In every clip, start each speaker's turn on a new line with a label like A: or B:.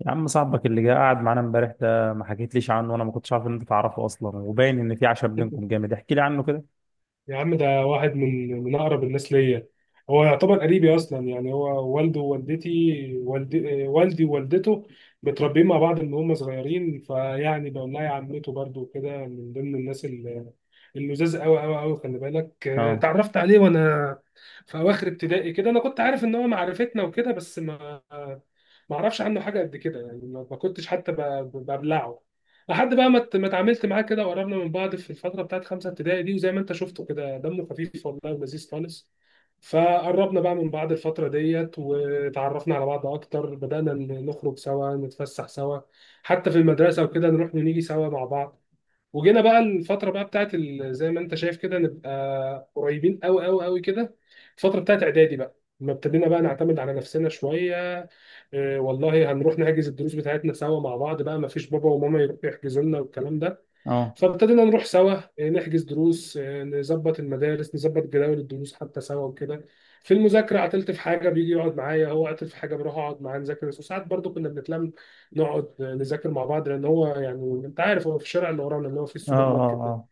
A: يا عم صاحبك اللي جه قاعد معانا امبارح ده ما حكيتليش عنه وانا ما كنتش عارف ان انت تعرفه اصلا، وباين ان في عشم بينكم جامد، احكي لي عنه كده.
B: يا عم ده واحد من اقرب الناس ليا. هو يعتبر قريبي اصلا، يعني هو والده ووالدتي والدي والدي ووالدته متربيين مع بعض من هم صغيرين، فيعني بقول لها يا عمته. برضو كده من ضمن الناس اللي اللزاز قوي قوي قوي، خلي بالك.
A: اه.
B: اتعرفت عليه وانا في اواخر ابتدائي كده. انا كنت عارف ان هو معرفتنا وكده، بس ما اعرفش عنه حاجه قد كده، يعني ما كنتش حتى ببلعه لحد بقى ما اتعاملت معاه كده وقربنا من بعض في الفتره بتاعت خمسه ابتدائي دي. وزي ما انت شفته كده، دمه خفيف والله ولذيذ خالص. فقربنا بقى من بعض الفترة ديت، وتعرفنا على بعض أكتر، بدأنا نخرج سوا، نتفسح سوا حتى في المدرسة وكده، نروح ونيجي سوا مع بعض. وجينا بقى الفتره بقى بتاعت زي ما انت شايف كده نبقى قريبين قوي قوي قوي كده. الفتره بتاعت اعدادي بقى، لما ابتدينا بقى نعتمد على نفسنا شويه، إيه والله هنروح نحجز الدروس بتاعتنا سوا مع بعض بقى، ما فيش بابا وماما يروحوا يحجزوا لنا والكلام ده.
A: اه.
B: فابتدينا نروح سوا، نحجز دروس، نظبط المدارس، نظبط جداول الدروس حتى سوا وكده. في المذاكرة عطلت في حاجة بيجي يقعد معايا، هو عطل في حاجة بروح أقعد معاه نذاكر، وساعات برضو كنا بنتلم نقعد نذاكر مع بعض، لأن هو يعني أنت عارف هو في الشارع اللي ورانا، اللي هو في
A: اه.
B: السوبر
A: اه.
B: ماركت ده.
A: اه.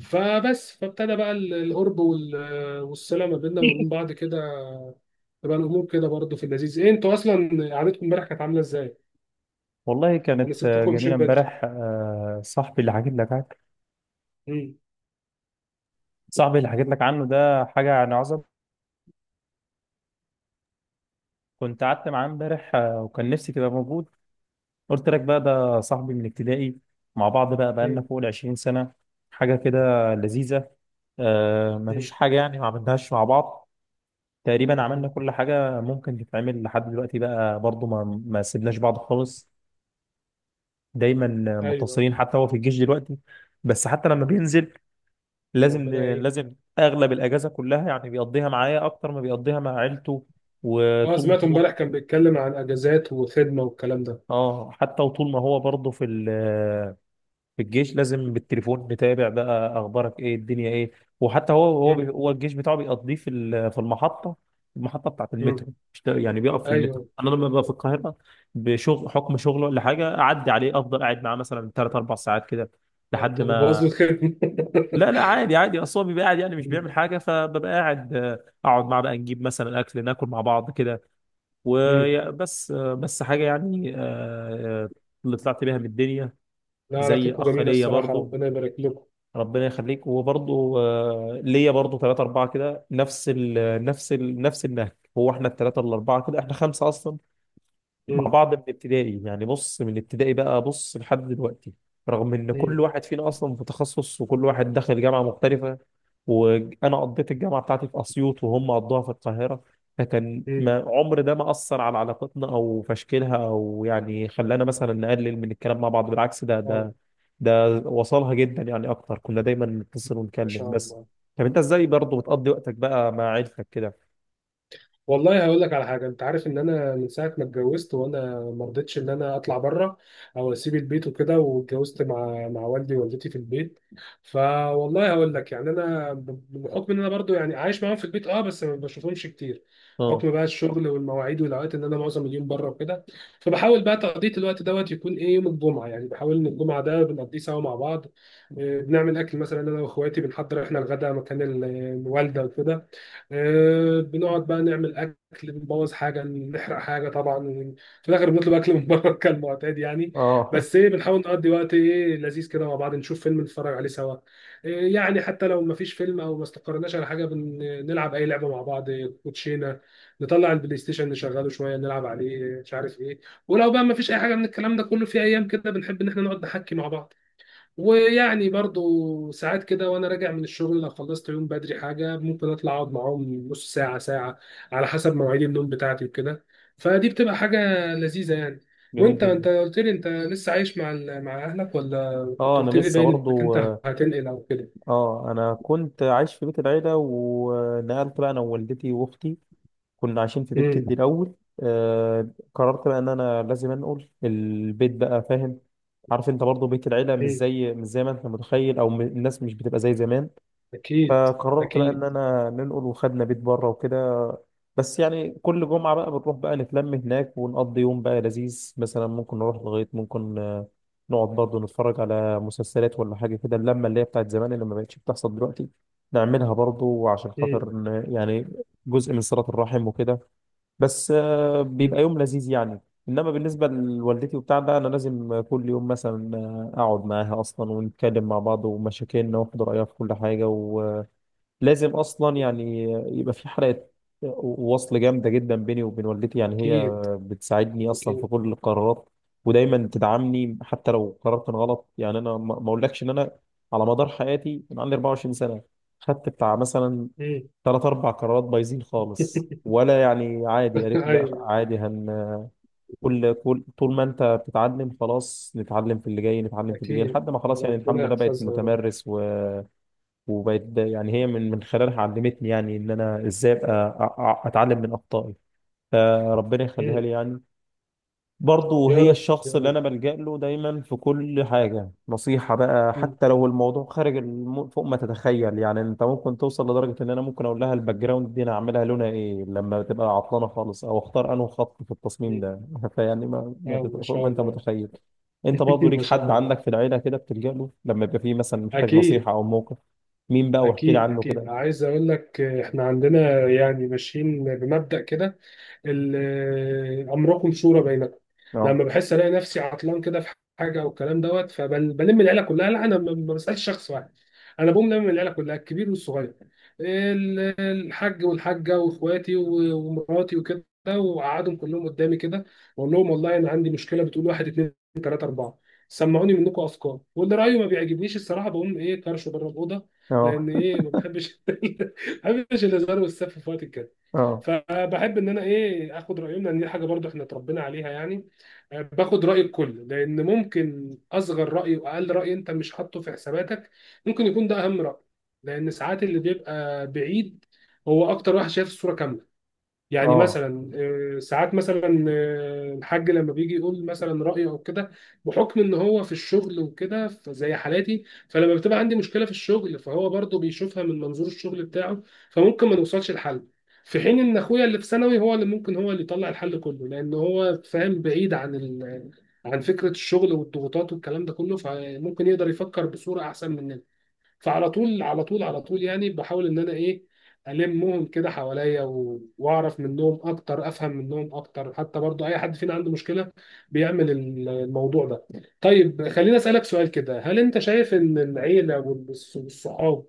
B: فبس فابتدى بقى القرب والصلة ما بيننا وبين بعض كده، تبقى الأمور كده برضو في اللذيذ. إيه، أنتوا أصلا قعدتكم امبارح كانت عاملة إزاي؟
A: والله
B: أنا
A: كانت
B: سبتكم
A: جميله
B: مشيت بدري.
A: امبارح. صاحبي اللي حكيت لك عنه،
B: مم.
A: صاحبي اللي حكيت لك عنه ده حاجه يعني عظمه. كنت قعدت معاه امبارح، وكان نفسي تبقى موجود. قلت لك بقى ده صاحبي من ابتدائي، مع بعض بقى بقالنا
B: مم.
A: فوق ال 20 سنه، حاجه كده لذيذه. مفيش
B: مم.
A: حاجه يعني ما عملناهاش مع بعض، تقريبا
B: مم.
A: عملنا كل حاجة ممكن تتعمل لحد دلوقتي. بقى برضو ما سيبناش بعض خالص، دايما
B: أيوه.
A: متصلين. حتى هو في الجيش دلوقتي، بس حتى لما بينزل لازم
B: ربنا يعين.
A: لازم أغلب الأجازة كلها يعني بيقضيها معايا أكتر ما بيقضيها مع عيلته.
B: اه،
A: وطول
B: سمعت
A: ما هو،
B: امبارح كان بيتكلم عن اجازات وخدمه والكلام ده.
A: اه حتى وطول ما هو برضه في في الجيش لازم بالتليفون نتابع بقى اخبارك ايه، الدنيا ايه. وحتى هو هو
B: مم.
A: بي- هو الجيش بتاعه بيقضيه في المحطه، المحطه بتاعه
B: مم.
A: المترو. مش ده- يعني بيقف في المترو.
B: ايوه.
A: انا لما ببقى في القاهره بشغل حكم شغله ولا حاجه، اعدي عليه افضل قاعد معاه مثلا ثلاث اربع ساعات كده لحد
B: انت بتبوظ
A: ما.
B: له الخدمه؟
A: لا لا، عادي عادي، اصل هو بيبقى قاعد يعني مش
B: مم.
A: بيعمل حاجه، فببقى قاعد، اقعد معاه بقى نجيب مثلا اكل ناكل مع بعض كده
B: مم.
A: وبس. بس حاجه يعني، آه، اللي طلعت بيها من الدنيا
B: لا،
A: زي
B: علاقتكم
A: اخ
B: جميله
A: ليا
B: الصراحه،
A: برضو.
B: ربنا يبارك لكم.
A: ربنا يخليك. وبرضه ليا برضه ثلاثة أربعة كده نفس ال نفس النهج. هو احنا الثلاثة الأربعة كده احنا خمسة أصلا مع
B: مم.
A: بعض من ابتدائي، يعني بص من ابتدائي بقى بص لحد دلوقتي، رغم ان كل
B: مم.
A: واحد فينا اصلا في تخصص وكل واحد دخل جامعه مختلفه، وانا قضيت الجامعه بتاعتي في اسيوط وهم قضوها في القاهره. فكان
B: مم.
A: ما عمر ده ما اثر على علاقتنا او في تشكيلها، او يعني خلانا مثلا نقلل من الكلام مع بعض، بالعكس. ده
B: اه
A: ده ده وصلها جدا يعني اكتر، كنا دايما نتصل
B: ما
A: ونتكلم
B: شاء
A: بس.
B: الله.
A: طب انت ازاي برضه بتقضي وقتك بقى مع عيلتك كده؟
B: والله هقول لك على حاجه، انت عارف ان انا من ساعه ما اتجوزت وانا ما رضيتش ان انا اطلع بره او اسيب البيت وكده، واتجوزت مع والدي ووالدتي في البيت. فوالله هقول لك، يعني انا بحكم ان انا برضو يعني عايش معاهم في البيت، اه بس ما بشوفهمش كتير،
A: اه.
B: حكم بقى الشغل والمواعيد والاوقات ان انا معظم اليوم بره وكده. فبحاول بقى تقضيه الوقت دوت يكون ايه، يوم الجمعه، يعني بحاول ان الجمعه ده بنقضيه سوا مع بعض. بنعمل اكل مثلا، انا واخواتي بنحضر احنا الغداء مكان الوالده وكده. بنقعد بقى نعمل اكل، بنبوظ حاجه، نحرق حاجه طبعا، في الاخر بنطلب اكل من بره كالمعتاد يعني.
A: اه.
B: بس ايه، بنحاول نقضي وقت ايه لذيذ كده مع بعض، نشوف فيلم نتفرج عليه سوا. إيه يعني، حتى لو ما فيش فيلم او ما استقرناش على حاجه، بنلعب اي لعبه مع بعض، إيه، كوتشينه، نطلع البلاي ستيشن نشغله شويه نلعب عليه، إيه، مش عارف ايه. ولو بقى ما فيش اي حاجه من الكلام ده كله، في ايام كده بنحب ان احنا نقعد نحكي مع بعض. ويعني برضو ساعات كده وانا راجع من الشغل لو خلصت يوم بدري حاجه، ممكن اطلع اقعد معاهم نص ساعه ساعه، على حسب مواعيد النوم بتاعتي وكده. فدي بتبقى حاجه لذيذه يعني.
A: جميل
B: وانت،
A: جدا.
B: انت قلت لي انت لسه عايش مع مع اهلك، ولا كنت
A: اه انا
B: قلت لي
A: لسه
B: باين انك
A: برضو.
B: انت هتنقل او كده؟
A: اه انا كنت عايش في بيت العيله ونقلت بقى انا ووالدتي واختي، كنا عايشين في بيت جدي
B: امم.
A: الاول. آه. قررت بقى ان انا لازم انقل البيت بقى، فاهم؟ عارف انت برضو بيت العيله
B: امم.
A: مش زي ما انت متخيل، الناس مش بتبقى زي زمان.
B: اكيد.
A: فقررت بقى ان
B: اكيد.
A: انا ننقل وخدنا بيت بره وكده. بس يعني كل جمعه بنروح بقى نتلم هناك ونقضي يوم بقى لذيذ، مثلا ممكن نروح لغايه ممكن، نقعد برضه نتفرج على مسلسلات ولا حاجه كده، اللمه اللي هي بتاعت زمان اللي ما بقتش بتحصل دلوقتي نعملها برضه عشان خاطر
B: امم.
A: يعني جزء من صله الرحم وكده. بس بيبقى
B: امم.
A: يوم لذيذ يعني. انما بالنسبه لوالدتي وبتاع ده، انا لازم كل يوم مثلا اقعد معاها اصلا ونتكلم مع بعض ومشاكلنا، واخد رايها في كل حاجه، لازم اصلا يعني. يبقى في حلقه وصل جامده جدا بيني وبين والدتي. يعني هي
B: اكيد.
A: بتساعدني اصلا في
B: اكيد.
A: كل القرارات ودايما تدعمني حتى لو قرار كان غلط. يعني انا ما اقولكش ان انا على مدار حياتي من عندي 24 سنه خدت بتاع مثلا
B: امم.
A: ثلاث اربع قرارات بايظين خالص، ولا يعني عادي قالت لي لا
B: ايوه.
A: عادي، هن كل طول ما انت بتتعلم خلاص نتعلم في اللي جاي، نتعلم في اللي جاي
B: اكيد،
A: لحد ما خلاص يعني الحمد
B: وربنا
A: لله بقيت
B: يحفظها يا رب.
A: متمرس. وبقت يعني هي من خلالها علمتني يعني ان انا ازاي ابقى اتعلم من اخطائي، فربنا يخليها
B: مم.
A: لي يعني. برضه
B: يا
A: هي
B: رب يا
A: الشخص اللي
B: رب.
A: انا بلجأ له دايما في كل حاجه، نصيحه بقى
B: مم.
A: حتى لو الموضوع خارج فوق ما تتخيل. يعني انت ممكن توصل لدرجه ان انا ممكن اقول لها الباك جراوند دي انا اعملها لونها ايه لما تبقى عطلانه خالص، او اختار انه خط في التصميم ده.
B: مم.
A: فيعني ما... ما
B: آه
A: تت...
B: ما
A: فوق
B: شاء
A: ما انت
B: الله.
A: متخيل. انت برضه ليك
B: ما شاء
A: حد
B: الله.
A: عندك في العيله كده بتلجأ له لما يبقى فيه مثلا محتاج
B: أكيد.
A: نصيحه او موقف؟ مين بقى؟ واحكي لي
B: أكيد
A: عنه كده.
B: أكيد، عايز أقول لك، إحنا عندنا يعني ماشيين بمبدأ كده، امركم شورى بينكم.
A: اه.
B: لما بحس الاقي نفسي عطلان كده في حاجه والكلام دوت، فبلم العيله كلها. لا، انا ما بسالش شخص واحد، انا بقوم لم العيله كلها، الكبير والصغير، الحاج والحاجه واخواتي ومراتي وكده، وقعدهم كلهم قدامي كده، واقول لهم والله انا عندي مشكله، بتقول واحد، اتنين، تلاته، اربعه، سمعوني منكم افكار، واللي رايه ما بيعجبنيش الصراحه بقوم ايه طرشه بره الاوضه،
A: اه.
B: لان ايه ما بحبش ما بحبش الهزار والسف في وقت الكلام.
A: اه.
B: فبحب ان انا ايه اخد رايهم، لان دي حاجه برضو احنا اتربينا عليها يعني. باخد راي الكل، لان ممكن اصغر راي واقل راي انت مش حاطه في حساباتك ممكن يكون ده اهم راي، لان ساعات اللي بيبقى بعيد هو اكتر واحد شايف الصوره كامله. يعني
A: اه.
B: مثلا، ساعات مثلا الحاج لما بيجي يقول مثلا رأيه او كده، بحكم ان هو في الشغل وكده فزي حالاتي، فلما بتبقى عندي مشكلة في الشغل، فهو برضه بيشوفها من منظور الشغل بتاعه، فممكن ما نوصلش لحل. في حين ان اخويا اللي في ثانوي هو اللي ممكن هو اللي يطلع الحل كله، لان هو فاهم بعيد عن ال... عن فكرة الشغل والضغوطات والكلام ده كله، فممكن يقدر يفكر بصورة احسن مننا. فعلى طول على طول على طول يعني بحاول ان انا ايه، المهم كده حواليا واعرف منهم اكتر، افهم منهم اكتر. حتى برضو اي حد فينا عنده مشكله بيعمل الموضوع ده. طيب خليني اسالك سؤال كده، هل انت شايف ان العيله والصحاب،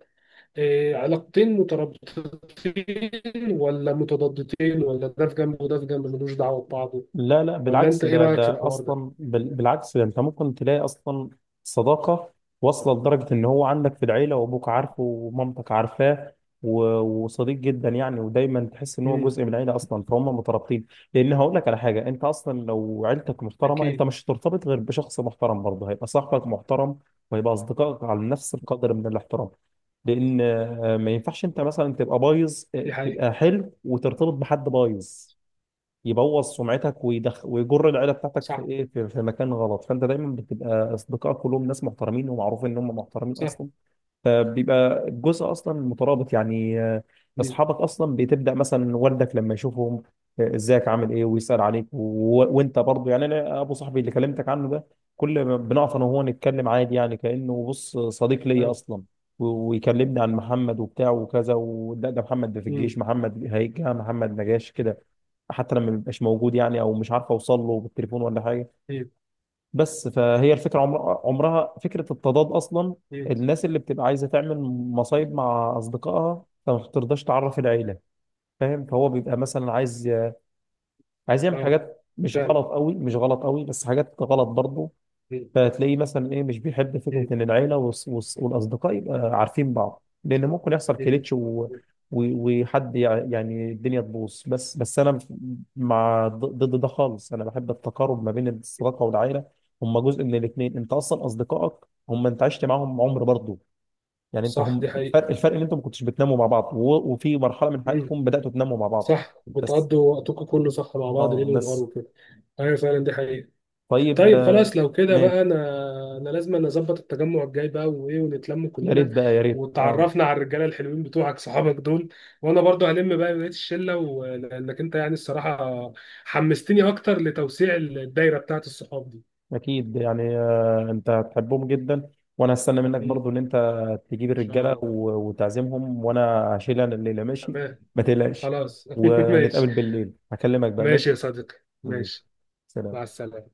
B: علاقتين مترابطتين، ولا متضادتين، ولا ده في جنب وده في جنب ملوش دعوه ببعضه؟
A: لا لا،
B: ولا انت
A: بالعكس،
B: ايه
A: ده
B: رايك في
A: ده
B: الحوار ده؟
A: اصلا بال- بالعكس ده. انت ممكن تلاقي اصلا صداقه واصله لدرجه ان هو عندك في العيله وابوك عارفه ومامتك عارفاه، وصديق جدا يعني، ودايما تحس ان هو
B: امم.
A: جزء من العيله اصلا، فهم مترابطين. لان هقول لك على حاجه، انت اصلا لو عيلتك محترمه انت
B: اكيد.
A: مش هترتبط غير بشخص محترم، برضه هيبقى صاحبك محترم وهيبقى اصدقائك على نفس القدر من الاحترام. لان ما ينفعش انت مثلا تبقى بايظ،
B: دي حقيقه.
A: تبقى حلو وترتبط بحد بايظ يبوظ سمعتك ويدخ ويجر العيله بتاعتك في
B: صح.
A: ايه، في مكان غلط. فانت دايما بتبقى اصدقائك كلهم ناس محترمين ومعروف ان هم محترمين
B: صح.
A: اصلا، فبيبقى الجزء اصلا مترابط يعني.
B: امم.
A: اصحابك اصلا بتبدا مثلا والدك لما يشوفهم ازيك عامل ايه، ويسال عليك وانت برضو يعني. انا ابو صاحبي اللي كلمتك عنه ده كل ما بنقف انا وهو نتكلم عادي يعني، كانه بص صديق ليا
B: اه.
A: اصلا، ويكلمني عن محمد وبتاع وكذا، ده محمد ده في الجيش، محمد هيجي، محمد ما جاش كده، حتى لما بيبقاش موجود يعني او مش عارف اوصل له بالتليفون ولا حاجه. بس فهي الفكرة عمرها فكرة التضاد أصلا.
B: امم.
A: الناس اللي بتبقى عايزة تعمل مصايب مع أصدقائها فما بترضاش تعرف العيلة، فاهم؟ فهو بيبقى مثلا عايز، عايز يعمل
B: اه،
A: حاجات مش
B: فعلا.
A: غلط قوي مش غلط قوي، بس حاجات غلط برضه.
B: مم.
A: فتلاقيه مثلا ايه مش بيحب فكره
B: مم.
A: ان العيله والاصدقاء يبقى عارفين بعض، لان ممكن يحصل
B: مم.
A: كليتش وحد يعني الدنيا تبوظ. بس انا مع ضد ده خالص، انا بحب التقارب ما بين الصداقه والعيله، هم جزء من الاثنين. انت اصلا اصدقائك هم انت عشت معاهم عمر برضه، يعني انت
B: صح
A: هم.
B: دي حقيقة.
A: الفرق، الفرق ان انتم ما كنتش بتناموا مع بعض، وفي مرحله من
B: مم.
A: حياتكم بداتوا تناموا مع بعض
B: صح،
A: بس.
B: بتقضوا وقتكم كله صح مع بعض،
A: اه
B: ليل ونهار
A: بس.
B: وكده. ايوه فعلا، دي حقيقة.
A: طيب،
B: طيب خلاص لو كده بقى،
A: ماشي.
B: انا انا لازم نظبط التجمع الجاي بقى وايه، ونتلم
A: يا
B: كلنا،
A: ريت بقى، يا ريت. اه
B: وتعرفنا على الرجالة الحلوين بتوعك صحابك دول. وانا برضو هلم بقى بقية الشلة لانك انت يعني الصراحة حمستني اكتر لتوسيع الدايرة بتاعت الصحاب دي.
A: اكيد يعني، انت هتحبهم جدا. وانا هستنى منك
B: مم. ان
A: برضو ان انت تجيب
B: شاء
A: الرجاله
B: الله.
A: وتعزمهم، وانا هشيل انا الليله. ماشي،
B: تمام.
A: ما تقلقش.
B: خلاص ماشي.
A: ونتقابل بالليل، هكلمك بقى.
B: ماشي
A: ماشي.
B: يا صديقي.
A: ماشي.
B: ماشي. مع
A: سلام.
B: السلامة.